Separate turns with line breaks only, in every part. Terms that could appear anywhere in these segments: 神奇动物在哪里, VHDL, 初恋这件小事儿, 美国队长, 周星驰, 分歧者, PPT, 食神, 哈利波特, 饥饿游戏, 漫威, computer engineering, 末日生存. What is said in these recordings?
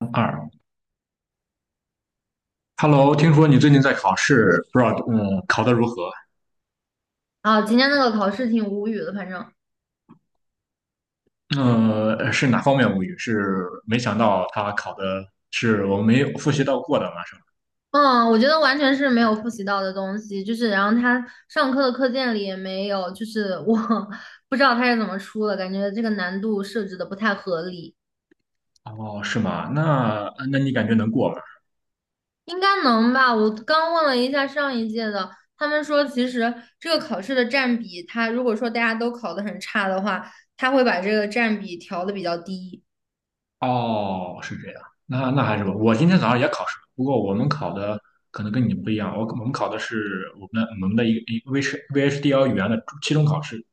二 Hello，听说你最近在考试，不知道考得如何？
啊，今天那个考试挺无语的，反正，
是哪方面无语？是没想到他考的是我没有复习到过的吗？上。
嗯，我觉得完全是没有复习到的东西，就是，然后他上课的课件里也没有，就是我 不知道他是怎么出的，感觉这个难度设置的不太合理，
哦，是吗？那你感觉能过吗？
应该能吧？我刚问了一下上一届的，他们说其实这个考试的占比，他如果说大家都考的很差的话，他会把这个占比调的比较低。
哦，是这样，那还是吧。我今天早上也考试了，不过我们考的可能跟你不一样，我们考的是我们的一个 VHDL 语言的期中考试。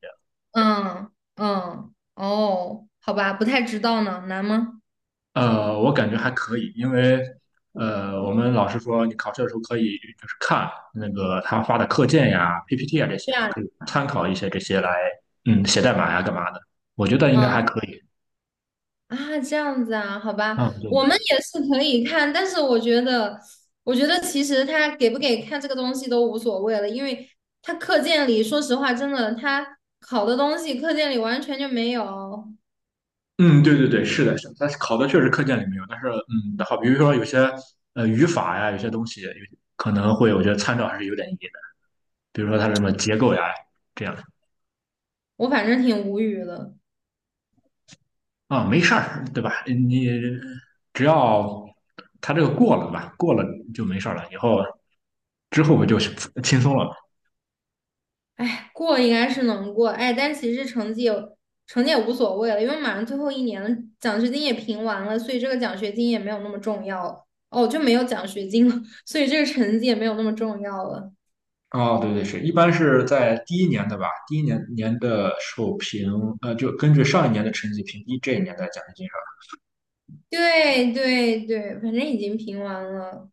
嗯嗯，哦，好吧，不太知道呢，难吗？
我感觉还可以，因为我们老师说你考试的时候可以就是看那个他发的课件呀、PPT 啊这些，
对
你
啊，
可以参考一些这些来，嗯，写代码呀干嘛的，我觉得应该
嗯。
还可以。
啊，这样子啊，好吧，
嗯，对
我
对。
们也是可以看，但是我觉得，我觉得其实他给不给看这个东西都无所谓了，因为他课件里，说实话，真的他考的东西课件里完全就没有，
嗯，对对对，是的，是的，但是考的确实课件里没有，但是好，比如说有些语法呀，有些东西有可能会，我觉得参照还是有点意义的，比如说它什么结构呀这样。
我反正挺无语的。
啊，没事儿，对吧？你只要他这个过了吧，过了就没事儿了，以后之后不就 轻松了吗？
哎，过应该是能过，哎，但其实成绩也无所谓了，因为马上最后一年了，奖学金也评完了，所以这个奖学金也没有那么重要了，哦，就没有奖学金了，所以这个成绩也没有那么重要了。
哦，对对是，一般是在第一年的吧，第一年的授评，就根据上一年的成绩评低这一年的奖学金是
对对对，反正已经评完了。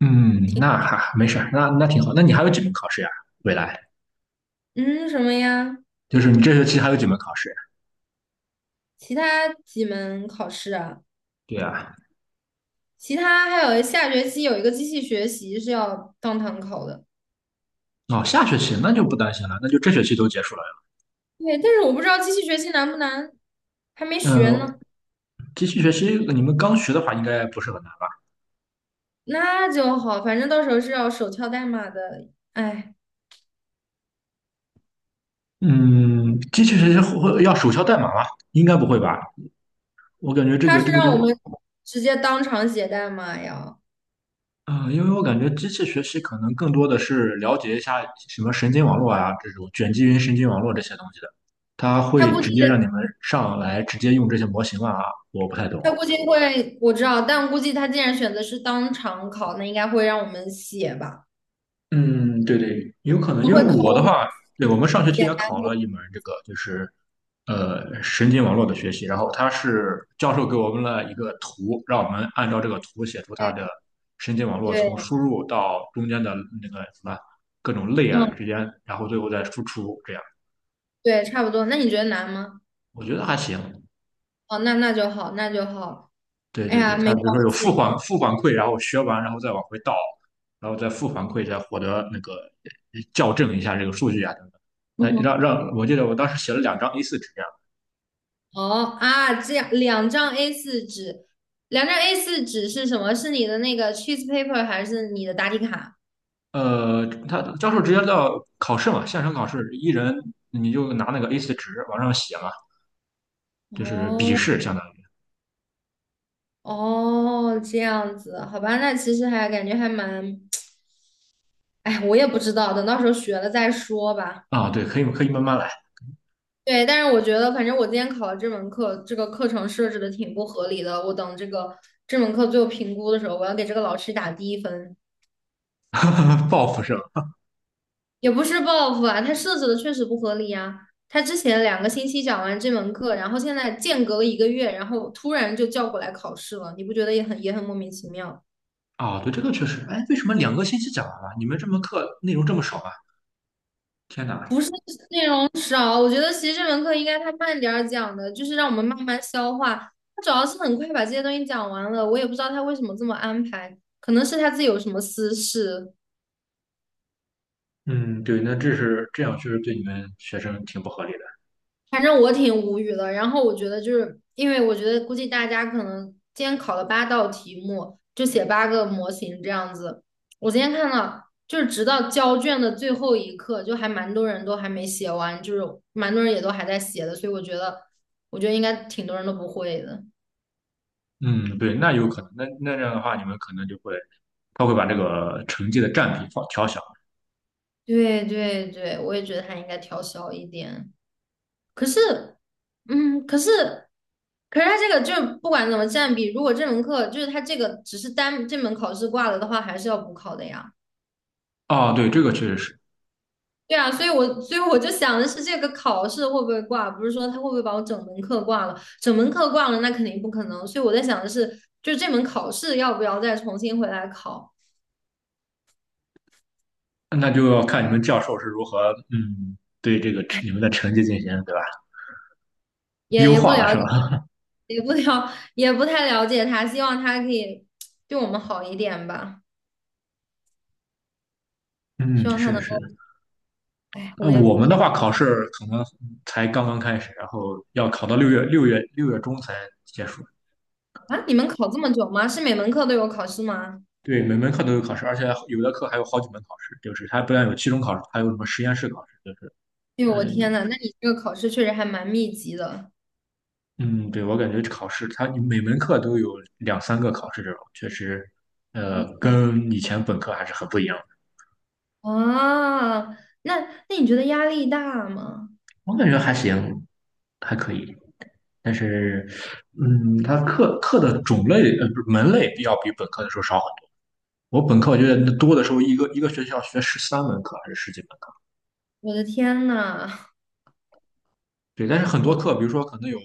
嗯，那没事儿，那挺好。那你还有几门考试呀？未来
嗯，什么呀？
就是你这学期还有几门考试？
其他几门考试啊？
对啊。
其他还有下学期有一个机器学习是要当堂考的。
哦，下学期那就不担心了，那就这学期都结束了。
对，但是我不知道机器学习难不难，还没学
嗯，
呢。
继续学期你们刚学的话应该不是很难。
那就好，反正到时候是要手敲代码的。哎，
嗯，机器学习会要手敲代码吗？应该不会吧？我感觉这
他
个
是
这个就，
让我们直接当场写代码呀。
嗯、因为我感觉机器学习可能更多的是了解一下什么神经网络啊，这种卷积云神经网络这些东西的，它
他
会
估计
直接让你们上来直接用这些模型啊。我不太懂。
他估计会，我知道，但估计他既然选择是当场考，那应该会让我们写吧。
嗯，对对，有可能，因为
会考
我的
我们。
话，对，我们上学期也
简单
考了
过，
一门这个，就是神经网络的学习，然后他是教授给我们了一个图，让我们按照这个图写出它的
对
神经网络从
对，
输入到中间的那个什么各种类啊
嗯，
之间，然后最后再输出，这样
对，差不多。那你觉得难吗？
我觉得还行。
哦，那那就好，那就好。
对
哎
对
呀，
对，他
没
比
关
如说有负
系。
反负反馈，然后学完然后再往回倒，然后再负反馈，再获得那个校正一下这个数据啊等等。
嗯
那
哼，
让我记得我当时写了两张A4纸这样。
哦啊，这样两张 a 四纸，两张 a 四纸是什么？是你的那个 cheese paper 还是你的答题卡？
他教授直接到考试嘛，线上考试，一人你就拿那个 a 四纸往上写嘛，就是笔
哦
试相当于。
哦，这样子，好吧，那其实还感觉还蛮，哎，我也不知道，等到时候学了再说吧。
啊，对，可以可以慢慢来。
对，但是我觉得，反正我今天考了这门课，这个课程设置的挺不合理的。我等这个这门课最后评估的时候，我要给这个老师打低分，
报复生。
也不是报复啊，他设置的确实不合理啊。他之前两个星期讲完这门课，然后现在间隔了一个月，然后突然就叫过来考试了，你不觉得也很莫名其妙？
啊，对，这个确实，哎，为什么2个星期讲完了？你们这门课内容这么少啊？天哪！
不是内容少，我觉得其实这门课应该他慢点儿讲的，就是让我们慢慢消化。他主要是很快把这些东西讲完了，我也不知道他为什么这么安排，可能是他自己有什么私事，
嗯，对，那这是这样，确实对你们学生挺不合理的。
反正我挺无语的。然后我觉得就是因为我觉得估计大家可能今天考了八道题目，就写八个模型这样子。我今天看到就是直到交卷的最后一刻，就还蛮多人都还没写完，就是蛮多人也都还在写的，所以我觉得应该挺多人都不会的。
嗯，对，那有可能，那这样的话，你们可能就会，他会把这个成绩的占比放调小。
对对对，我也觉得他应该调小一点。可是，嗯，可是，可是他这个就是不管怎么占比，如果这门课就是他这个只是单这门考试挂了的话，还是要补考的呀。
啊。对，这个确实是，
对啊，所以我就想的是，这个考试会不会挂，不是说他会不会把我整门课挂了？整门课挂了，那肯定不可能。所以我在想的是，就是这门考试要不要再重新回来考，
那就要看你们教授是如何，嗯，对这个你们的成绩进行，对吧？
也
优
也不
化了
了
是
解，
吧？
也不太了解他，希望他可以对我们好一点吧。
嗯，
希望他
是的，
能
是
够，
的。
哎，
那
我也不
我们的
太
话，考试可能才刚刚开始，然后要考到六月中才结束。
啊，你们考这么久吗？是每门课都有考试吗？
对，每门课都有考试，而且有的课还有好几门考试，就是它不但有期中考试，还有什么实验室考试，就是。
哎呦，我天
嗯。
呐，那你这个考试确实还蛮密集的
嗯，对，我感觉考试它每门课都有两三个考试这种，确实，
嗯
跟以前本科还是很不一样的。
啊。那那你觉得压力大吗？
我感觉还行，还可以。但
哦，
是，嗯，它课课的种类不是门类要比本科的时候少很多。我本科我觉得那多的时候，一个学校学13门课还是十几门课。
我的天呐，
对，但是很多
我
课，比如说可能有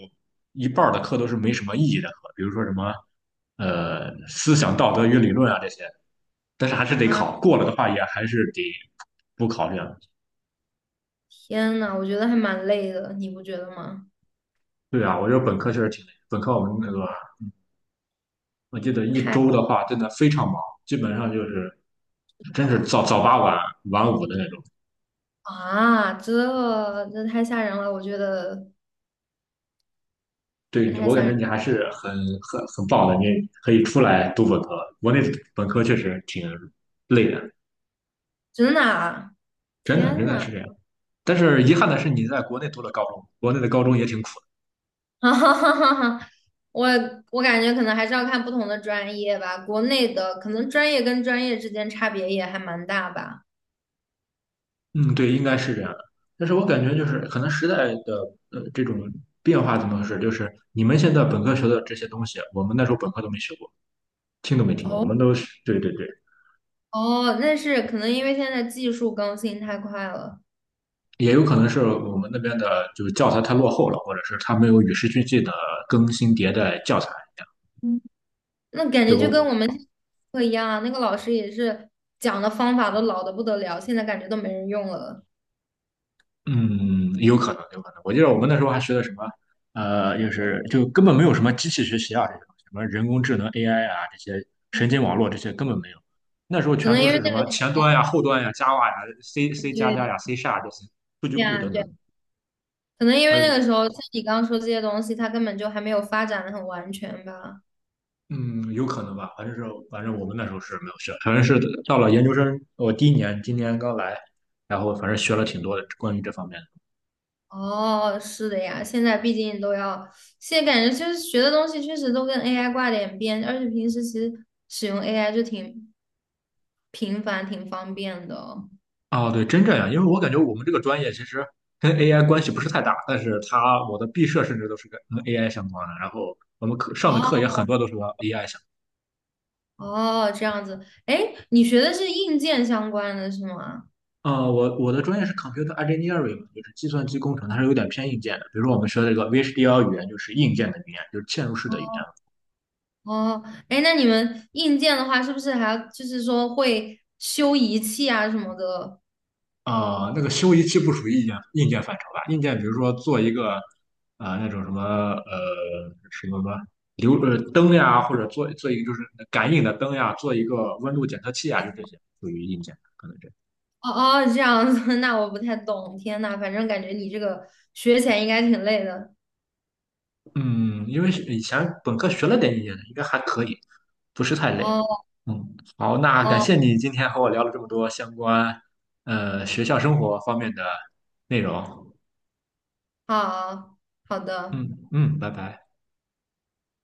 一半儿的课都是没什么意义的课，比如说什么思想道德与理论啊这些，但是还是得
啊
考，过了的话也还是得不考这样。
天呐，我觉得还蛮累的，你不觉得吗？
对啊，我觉得本科确实挺累，本科我们那个我记得一
太
周
累
的话真的非常忙，基本上就是真是
了
早八晚五的那种。
啊，这这太吓人了，我觉得这
对
太
我
吓
感觉
人，
你还是很棒的，你可以出来读本科。国内本科确实挺累的，
真的啊，
真的真
天
的
呐！
是这样。但是遗憾的是，你在国内读了高中，国内的高中也挺苦。
哈哈哈哈哈！我我感觉可能还是要看不同的专业吧，国内的可能专业跟专业之间差别也还蛮大吧。
嗯，对，应该是这样的。但是我感觉就是可能时代的这种变化怎么回事？就是你们现在本科学的这些东西，我们那时候本科都没学过，听都没听过。我
哦
们都是对对对，
哦，那是可能因为现在技术更新太快了，
也有可能是我们那边的就是教材太落后了，或者是它没有与时俱进的更新迭代教材一样。
嗯那感
对，
觉就跟
我
我们 课一样啊，那个老师也是讲的方法都老的不得了，现在感觉都没人用了。
嗯，有可能，有可能。我记得我们那时候还学的什么，就是根本没有什么机器学习啊，这种什么人工智能 AI 啊，这些神经网络这些根本没有。那时候
可
全
能
都
因为
是什
那
么
个时
前端呀、后端呀、Java 呀、C、
候
C 加
对
加呀、C 下这些数据
对
库
呀
等
对，
等。
可能因
还
为那个时
有，
候像你刚刚说这些东西，它根本就还没有发展的很完全吧。
嗯，有可能吧，反正是反正我们那时候是没有学，反正是到了研究生，我第一年，今年刚来，然后反正学了挺多的关于这方面的。
哦，是的呀，现在毕竟都要，现在感觉就是学的东西确实都跟 AI 挂点边，而且平时其实使用 AI 就挺频繁、挺方便的哦。
哦，对，真这样，因为我感觉我们这个专业其实跟 AI 关系不是太大，但是它我的毕设甚至都是跟 AI 相关的，然后我们课上的课也
哦
很多都是和 AI 相
哦，这样子，哎，你学的是硬件相关的是吗？
关。啊，我的专业是 computer engineering，嘛就是计算机工程，它是有点偏硬件的。比如说我们学的这个 VHDL 语言就是硬件的语言，就是嵌入式的语言。
哦，哎，那你们硬件的话，是不是还要就是说会修仪器啊什么的？
啊，那个修仪器不属于硬件范畴吧？硬件比如说做一个啊、那种什么什么什么流灯呀，或者做做一个就是感应的灯呀，做一个温度检测器啊，就这些属于硬件，可能这样。
哦哦，这样子，那我不太懂。天呐，反正感觉你这个学起来应该挺累的。
嗯，因为是以前本科学了点硬件的应该还可以，不是太累。
哦
嗯，好，那感
哦，
谢你今天和我聊了这么多相关学校生活方面的内容。
好好的。
嗯嗯，拜拜。